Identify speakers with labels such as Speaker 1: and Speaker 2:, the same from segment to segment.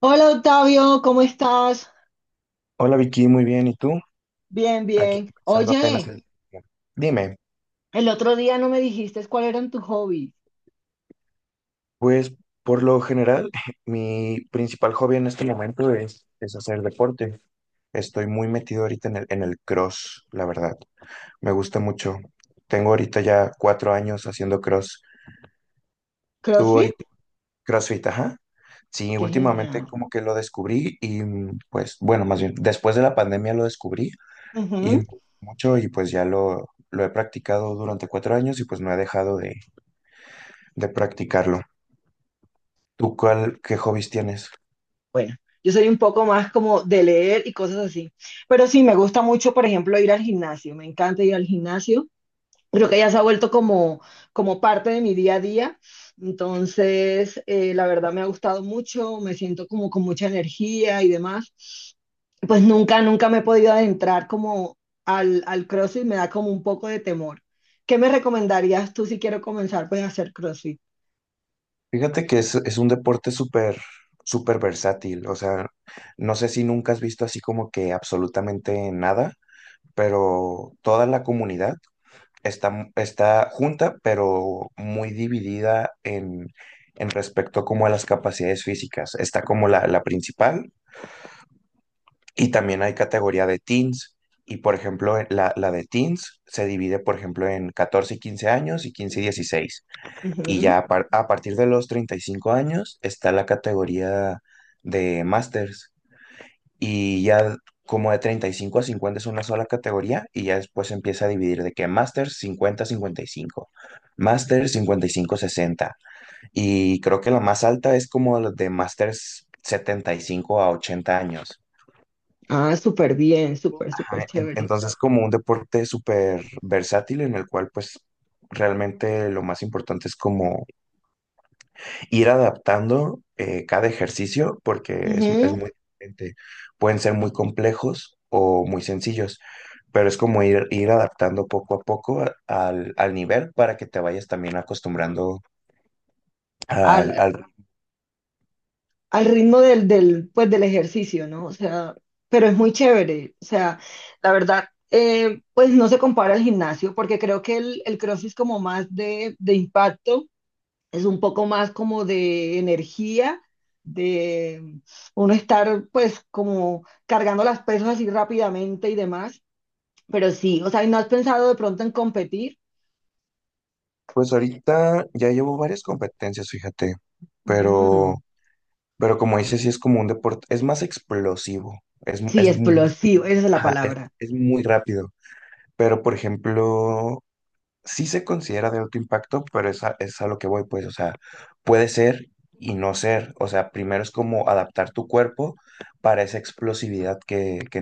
Speaker 1: Hola Octavio, ¿cómo estás?
Speaker 2: Hola Vicky, muy bien. ¿Y tú?
Speaker 1: Bien,
Speaker 2: Aquí
Speaker 1: bien.
Speaker 2: comenzando apenas
Speaker 1: Oye,
Speaker 2: el día. Dime,
Speaker 1: el otro día no me dijiste cuál eran tus hobbies.
Speaker 2: pues por lo general, mi principal hobby en este momento es hacer deporte. Estoy muy metido ahorita en el cross, la verdad. Me gusta mucho. Tengo ahorita ya 4 años haciendo cross. ¿Tú
Speaker 1: ¿CrossFit?
Speaker 2: ahorita CrossFit, ajá? Sí,
Speaker 1: Qué
Speaker 2: últimamente
Speaker 1: genial.
Speaker 2: como que lo descubrí y pues bueno, más bien después de la pandemia lo descubrí y
Speaker 1: Ujú.
Speaker 2: me gustó mucho y pues ya lo he practicado durante 4 años y pues no he dejado de practicarlo. ¿Tú cuál, qué hobbies tienes?
Speaker 1: Bueno, yo soy un poco más como de leer y cosas así. Pero sí, me gusta mucho, por ejemplo, ir al gimnasio. Me encanta ir al gimnasio. Creo que ya se ha vuelto como parte de mi día a día. Entonces, la verdad me ha gustado mucho, me siento como con mucha energía y demás. Pues nunca me he podido adentrar como al CrossFit, me da como un poco de temor. ¿Qué me recomendarías tú si quiero comenzar pues a hacer CrossFit?
Speaker 2: Fíjate que es un deporte súper, súper versátil. O sea, no sé si nunca has visto así como que absolutamente nada, pero toda la comunidad está junta, pero muy dividida en respecto como a las capacidades físicas. Está como la principal y también hay categoría de teens. Y por ejemplo, la de teens se divide, por ejemplo, en 14 y 15 años y 15 y 16. Y
Speaker 1: Ujú.
Speaker 2: ya a partir de los 35 años está la categoría de Masters. Y ya como de 35 a 50 es una sola categoría y ya después se empieza a dividir de que Masters 50-55, Masters 55-60. Y creo que la más alta es como la de Masters 75 a 80 años.
Speaker 1: Ah, súper bien, súper, súper
Speaker 2: Ajá, en-
Speaker 1: chévere.
Speaker 2: Entonces como un deporte súper versátil en el cual pues realmente lo más importante es como ir adaptando cada ejercicio porque es
Speaker 1: Ujú.
Speaker 2: muy diferente. Pueden ser muy complejos o muy sencillos, pero es como ir adaptando poco a poco al nivel para que te vayas también acostumbrando al,
Speaker 1: Al,
Speaker 2: al-
Speaker 1: al ritmo del, pues, del ejercicio, ¿no? O sea, pero es muy chévere. O sea, la verdad, pues no se compara al gimnasio porque creo que el CrossFit es como más de impacto. Es un poco más como de energía, de uno estar pues como cargando las pesas así rápidamente y demás. Pero sí, o sea, ¿y no has pensado de pronto en competir?
Speaker 2: Pues ahorita ya llevo varias competencias, fíjate, pero,
Speaker 1: Mm,
Speaker 2: como dices, sí es como un deporte, es más explosivo, es,
Speaker 1: sí,
Speaker 2: es, mu-
Speaker 1: explosivo, esa es la
Speaker 2: ajá, es
Speaker 1: palabra
Speaker 2: es muy rápido. Pero, por ejemplo, sí se considera de alto impacto, pero es a lo que voy, pues, o sea, puede ser y no ser. O sea, primero es como adaptar tu cuerpo para esa explosividad que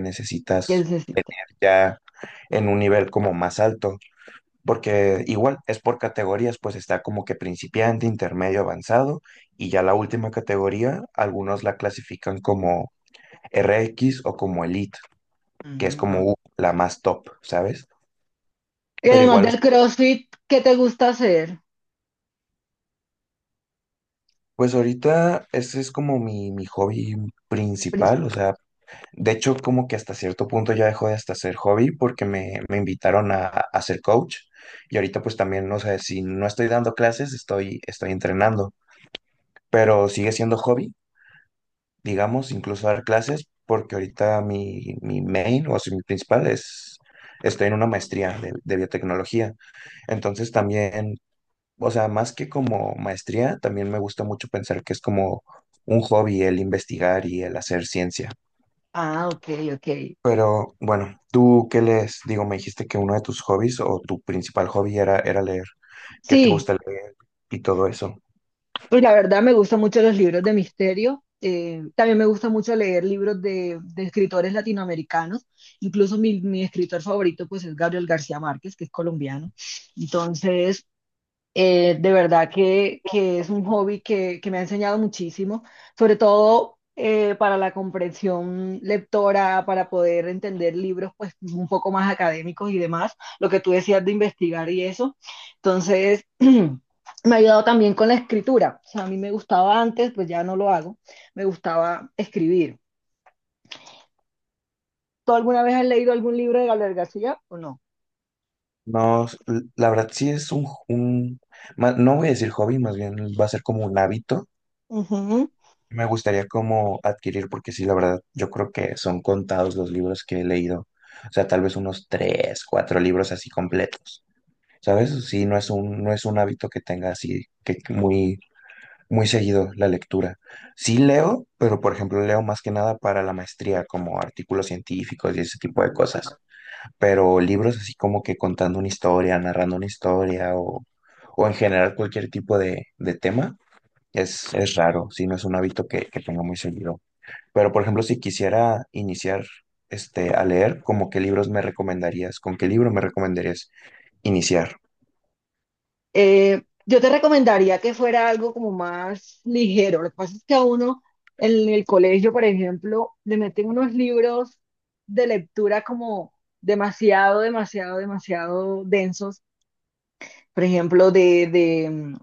Speaker 1: que
Speaker 2: necesitas
Speaker 1: necesitas.
Speaker 2: ya en un nivel como más alto. Porque igual es por categorías, pues está como que principiante, intermedio, avanzado, y ya la última categoría, algunos la clasifican como RX o como Elite, que es
Speaker 1: Mm, no.
Speaker 2: como la más top, ¿sabes?
Speaker 1: Y
Speaker 2: Pero
Speaker 1: además
Speaker 2: igual.
Speaker 1: del CrossFit, ¿qué te gusta hacer?
Speaker 2: Pues ahorita ese es como mi hobby
Speaker 1: Princip-
Speaker 2: principal, o sea, de hecho como que hasta cierto punto ya dejó de hasta ser hobby porque me invitaron a ser coach y ahorita pues también, o sea, si no estoy dando clases, estoy entrenando, pero sigue siendo hobby, digamos, incluso dar clases porque ahorita mi main, o sea, mi principal es, estoy en una maestría de biotecnología, entonces también, o sea, más que como maestría, también me gusta mucho pensar que es como un hobby el investigar y el hacer ciencia.
Speaker 1: Ah, ok, ok.
Speaker 2: Pero bueno, ¿tú qué lees? Digo, me dijiste que uno de tus hobbies o tu principal hobby era leer. ¿Qué te
Speaker 1: Sí,
Speaker 2: gusta leer y todo eso?
Speaker 1: pues la verdad me gustan mucho los libros de misterio. También me gusta mucho leer libros de escritores latinoamericanos. Incluso mi escritor favorito pues es Gabriel García Márquez, que es colombiano. Entonces, de verdad que es un hobby que me ha enseñado muchísimo, sobre todo para la comprensión lectora, para poder entender libros pues un poco más académicos y demás, lo que tú decías de investigar y eso. Entonces, me ha ayudado también con la escritura. O sea, a mí me gustaba antes, pues ya no lo hago, me gustaba escribir. ¿Tú alguna vez has leído algún libro de Gabriel García o no?
Speaker 2: No, la verdad sí es un, no voy a decir hobby, más bien va a ser como un hábito.
Speaker 1: Ujú.
Speaker 2: Me gustaría como adquirir, porque sí, la verdad, yo creo que son contados los libros que he leído. O sea, tal vez unos tres, cuatro libros así completos. ¿Sabes? Sí, no es un hábito que tenga así, que muy seguido la lectura. Sí leo, pero por ejemplo leo más que nada para la maestría, como artículos científicos y ese tipo de
Speaker 1: Ah.
Speaker 2: cosas. Pero libros así como que contando una historia, narrando una historia o en general cualquier tipo de tema, es raro, sí, no es un hábito que tenga muy seguido. Pero por ejemplo, si quisiera iniciar a leer, ¿como qué libros me recomendarías? ¿Con qué libro me recomendarías iniciar?
Speaker 1: Yo te recomendaría que fuera algo como más ligero. Lo que pasa es que a uno en el colegio, por ejemplo, le meten unos libros de lectura como demasiado, demasiado, demasiado densos. Por ejemplo, de,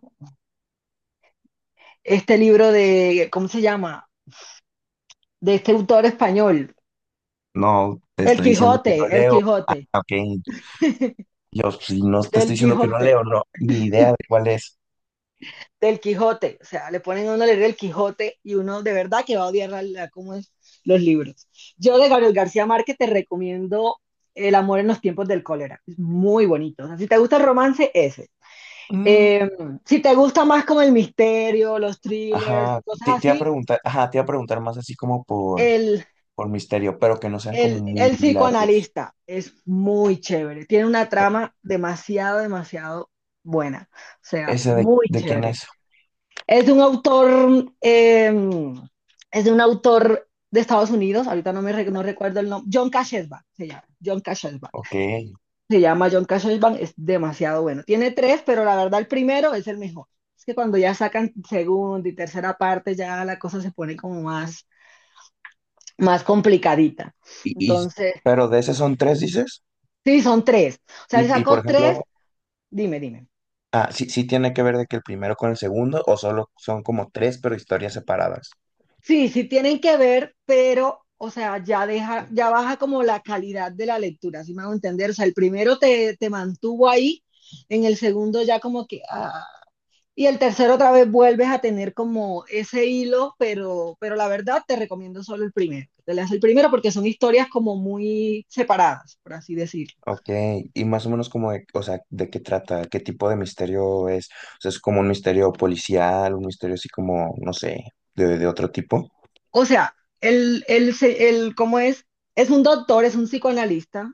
Speaker 1: este libro de, ¿cómo se llama? De este autor español,
Speaker 2: No, te
Speaker 1: El
Speaker 2: estoy diciendo que no
Speaker 1: Quijote, El
Speaker 2: leo. Ah,
Speaker 1: Quijote,
Speaker 2: ok. Yo, pues, si no te estoy
Speaker 1: del
Speaker 2: diciendo que no
Speaker 1: Quijote.
Speaker 2: leo, no, ni idea de cuál es.
Speaker 1: Del Quijote. O sea, le ponen a uno a leer el Quijote y uno de verdad que va a odiar la, cómo es los libros. Yo de Gabriel García Márquez te recomiendo El amor en los tiempos del cólera. Es muy bonito. O sea, si te gusta el romance, ese.
Speaker 2: Mm,
Speaker 1: Eh, si te gusta más como el misterio, los thrillers,
Speaker 2: ajá,
Speaker 1: cosas
Speaker 2: te iba a
Speaker 1: así,
Speaker 2: preguntar, ajá, te iba a preguntar más así como
Speaker 1: el,
Speaker 2: por misterio, pero que no sean como
Speaker 1: el,
Speaker 2: muy
Speaker 1: el
Speaker 2: largos.
Speaker 1: psicoanalista es muy chévere. Tiene una trama demasiado, demasiado buena. O sea,
Speaker 2: ¿Ese de,
Speaker 1: muy
Speaker 2: de quién
Speaker 1: chévere.
Speaker 2: es?
Speaker 1: Es de un autor, eh, es de un autor de Estados Unidos, ahorita no recuerdo el nombre, John Kashesban se llama, John Kashesban.
Speaker 2: Ok.
Speaker 1: Se llama John Kashesban, es demasiado bueno. Tiene tres, pero la verdad el primero es el mejor. Es que cuando ya sacan segunda y tercera parte, ya la cosa se pone como más, más complicadita.
Speaker 2: Y-
Speaker 1: Entonces,
Speaker 2: pero de ese son tres, dices.
Speaker 1: sí, son tres. O sea,
Speaker 2: Y,
Speaker 1: le
Speaker 2: y por
Speaker 1: sacó tres,
Speaker 2: ejemplo,
Speaker 1: dime, dime.
Speaker 2: ah, sí, sí tiene que ver de que el primero con el segundo, o solo son como tres, pero historias separadas.
Speaker 1: Sí, sí tienen que ver, pero, o sea, ya deja, ya baja como la calidad de la lectura, ¿sí me hago entender? O sea, el primero te mantuvo ahí, en el segundo ya como que, ah, y el tercero otra vez vuelves a tener como ese hilo, pero la verdad te recomiendo solo el primero. Te leas el primero porque son historias como muy separadas, por así decirlo.
Speaker 2: Ok, y más o menos como o sea, ¿de qué trata? ¿Qué tipo de misterio es? O sea, ¿es como un misterio policial, un misterio así como, no sé, de otro tipo?
Speaker 1: O sea, el, ¿cómo es? Es un doctor, es un psicoanalista.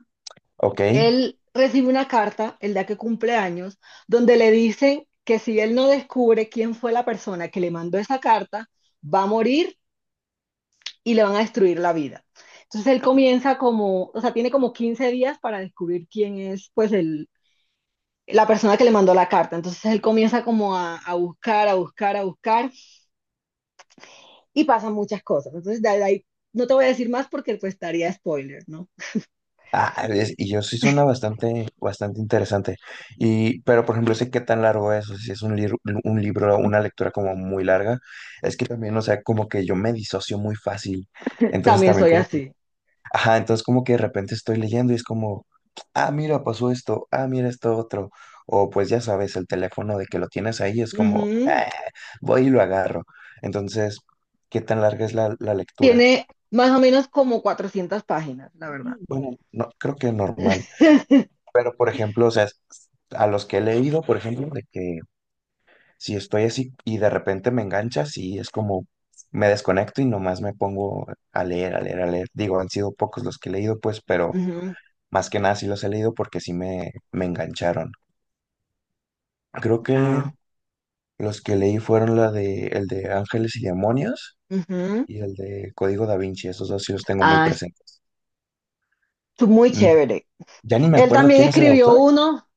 Speaker 2: Ok.
Speaker 1: Él recibe una carta el día que cumple años, donde le dicen que si él no descubre quién fue la persona que le mandó esa carta, va a morir y le van a destruir la vida. Entonces él comienza como, o sea, tiene como 15 días para descubrir quién es, pues, la persona que le mandó la carta. Entonces él comienza como a buscar, a buscar, a buscar y pasan muchas cosas. Entonces de ahí no te voy a decir más porque pues estaría spoiler, ¿no?
Speaker 2: Ah, y yo sí suena bastante, bastante interesante. Y, pero por ejemplo, sé qué tan largo es, o sea, si es un libro, una lectura como muy larga, es que también, o sea, como que yo me disocio muy fácil. Entonces
Speaker 1: También
Speaker 2: también,
Speaker 1: soy
Speaker 2: como
Speaker 1: así.
Speaker 2: ajá, entonces como que de repente estoy leyendo y es como, ah, mira, pasó esto, ah, mira esto otro. O pues ya sabes, el teléfono de que lo tienes ahí es como,
Speaker 1: Ujú.
Speaker 2: "Ah, voy y lo agarro. Entonces, ¿qué tan larga es la lectura?
Speaker 1: Tiene más o menos como 400 páginas, la verdad.
Speaker 2: Bueno, no, creo que normal. Pero, por ejemplo, o sea, a los que he leído, por ejemplo, de que si estoy así y de repente me engancha, sí, es como, me desconecto y nomás me pongo a leer, a leer, a leer. Digo, han sido pocos los que he leído, pues, pero
Speaker 1: Ujú.
Speaker 2: más que nada sí los he leído porque sí me engancharon. Creo que
Speaker 1: Ah,
Speaker 2: los que leí fueron la de el de Ángeles y Demonios
Speaker 1: ujú.
Speaker 2: y el de Código Da Vinci. Esos dos sí los tengo muy
Speaker 1: Ah, es
Speaker 2: presentes.
Speaker 1: muy
Speaker 2: Mm,
Speaker 1: chévere.
Speaker 2: ya ni me
Speaker 1: Él
Speaker 2: acuerdo
Speaker 1: también
Speaker 2: quién es el
Speaker 1: escribió
Speaker 2: autor,
Speaker 1: uno,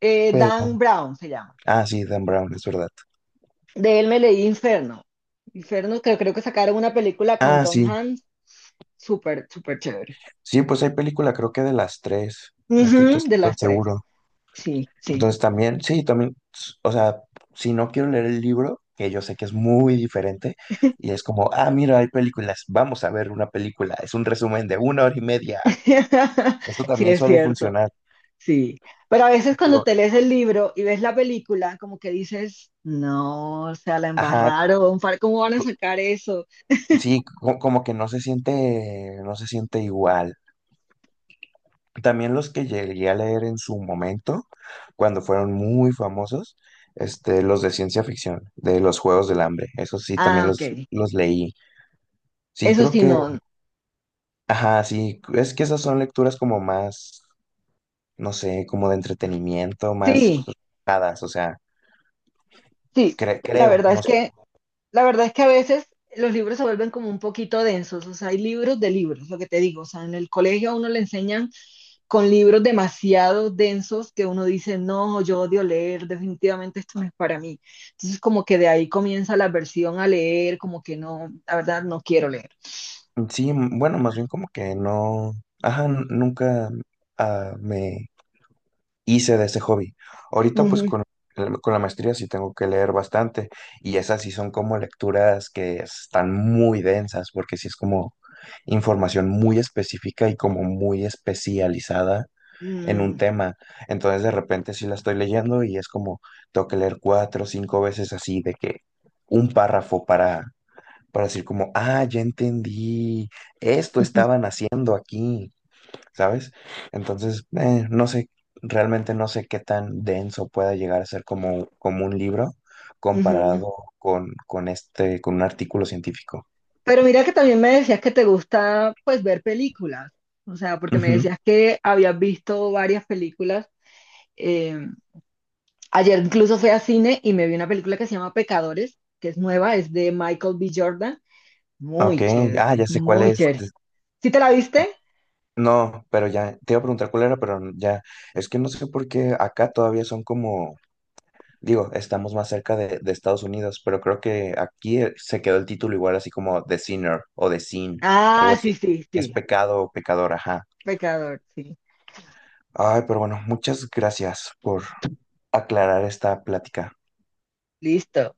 Speaker 1: Dan
Speaker 2: pero...
Speaker 1: Brown se llama.
Speaker 2: Ah, sí, Dan Brown, es verdad.
Speaker 1: De él me leí Inferno. Inferno, creo que sacaron una película con
Speaker 2: Ah,
Speaker 1: Tom
Speaker 2: sí.
Speaker 1: Hanks, súper, súper chévere.
Speaker 2: Sí, pues hay película creo que de las tres. No estoy tan
Speaker 1: Ujú, de
Speaker 2: tan
Speaker 1: las tres.
Speaker 2: seguro.
Speaker 1: Sí, sí.
Speaker 2: Entonces también, sí, también, o sea, si no quiero leer el libro, que yo sé que es muy diferente, y es como, ah, mira, hay películas, vamos a ver una película, es un resumen de una hora y media. Esto
Speaker 1: Sí,
Speaker 2: también
Speaker 1: es
Speaker 2: suele
Speaker 1: cierto.
Speaker 2: funcionar.
Speaker 1: Sí, pero a veces cuando
Speaker 2: Digo,
Speaker 1: te lees el libro y ves la película, como que dices, no, o sea, la
Speaker 2: ajá,
Speaker 1: embarraron, ¿cómo van a
Speaker 2: co-
Speaker 1: sacar eso?
Speaker 2: como que no se siente, no se siente igual. También los que llegué a leer en su momento, cuando fueron muy famosos, los de ciencia ficción, de los Juegos del Hambre, eso sí, también
Speaker 1: Ah, ok,
Speaker 2: los leí. Sí,
Speaker 1: eso
Speaker 2: creo
Speaker 1: sí,
Speaker 2: que
Speaker 1: no.
Speaker 2: ajá, sí, es que esas son lecturas como más, no sé, como de entretenimiento, más
Speaker 1: Sí,
Speaker 2: relajadas, o sea,
Speaker 1: sí, la
Speaker 2: creo,
Speaker 1: verdad
Speaker 2: no
Speaker 1: es
Speaker 2: sé.
Speaker 1: que, la verdad es que a veces los libros se vuelven como un poquito densos, o sea, hay libros de libros, lo que te digo, o sea, en el colegio a uno le enseñan con libros demasiado densos que uno dice, no, yo odio leer, definitivamente esto no es para mí. Entonces, como que de ahí comienza la aversión a leer, como que no, la verdad, no quiero leer.
Speaker 2: Sí, bueno, más bien como que no, ajá, nunca me hice de ese hobby. Ahorita pues
Speaker 1: Ujú,
Speaker 2: con, con la maestría sí tengo que leer bastante y esas sí son como lecturas que están muy densas porque sí es como información muy específica y como muy especializada en un
Speaker 1: mm,
Speaker 2: tema. Entonces de repente sí la estoy leyendo y es como tengo que leer cuatro o cinco veces así de que un párrafo para, decir como, ah, ya entendí, esto estaban haciendo aquí, ¿sabes? Entonces, no sé, realmente no sé qué tan denso pueda llegar a ser como, como un libro
Speaker 1: ujú.
Speaker 2: comparado con un artículo científico.
Speaker 1: Pero mira que también me decías que te gusta, pues, ver películas. O sea, porque me
Speaker 2: Ujú.
Speaker 1: decías que habías visto varias películas. Eh, ayer incluso fui a cine y me vi una película que se llama Pecadores, que es nueva, es de Michael B. Jordan.
Speaker 2: Ok,
Speaker 1: Muy chévere,
Speaker 2: ah, ya sé cuál
Speaker 1: muy
Speaker 2: es.
Speaker 1: chévere. ¿Sí te la viste?
Speaker 2: No, pero ya, te iba a preguntar cuál era, pero ya, es que no sé por qué acá todavía son como, digo, estamos más cerca de Estados Unidos, pero creo que aquí se quedó el título igual así como The Sinner o The Sin, algo
Speaker 1: Ah, sí,
Speaker 2: así,
Speaker 1: sí,
Speaker 2: que es
Speaker 1: sí, sí.
Speaker 2: pecado o pecador, ajá.
Speaker 1: Pecador, sí.
Speaker 2: Ay, pero bueno, muchas gracias por aclarar esta plática.
Speaker 1: Listo.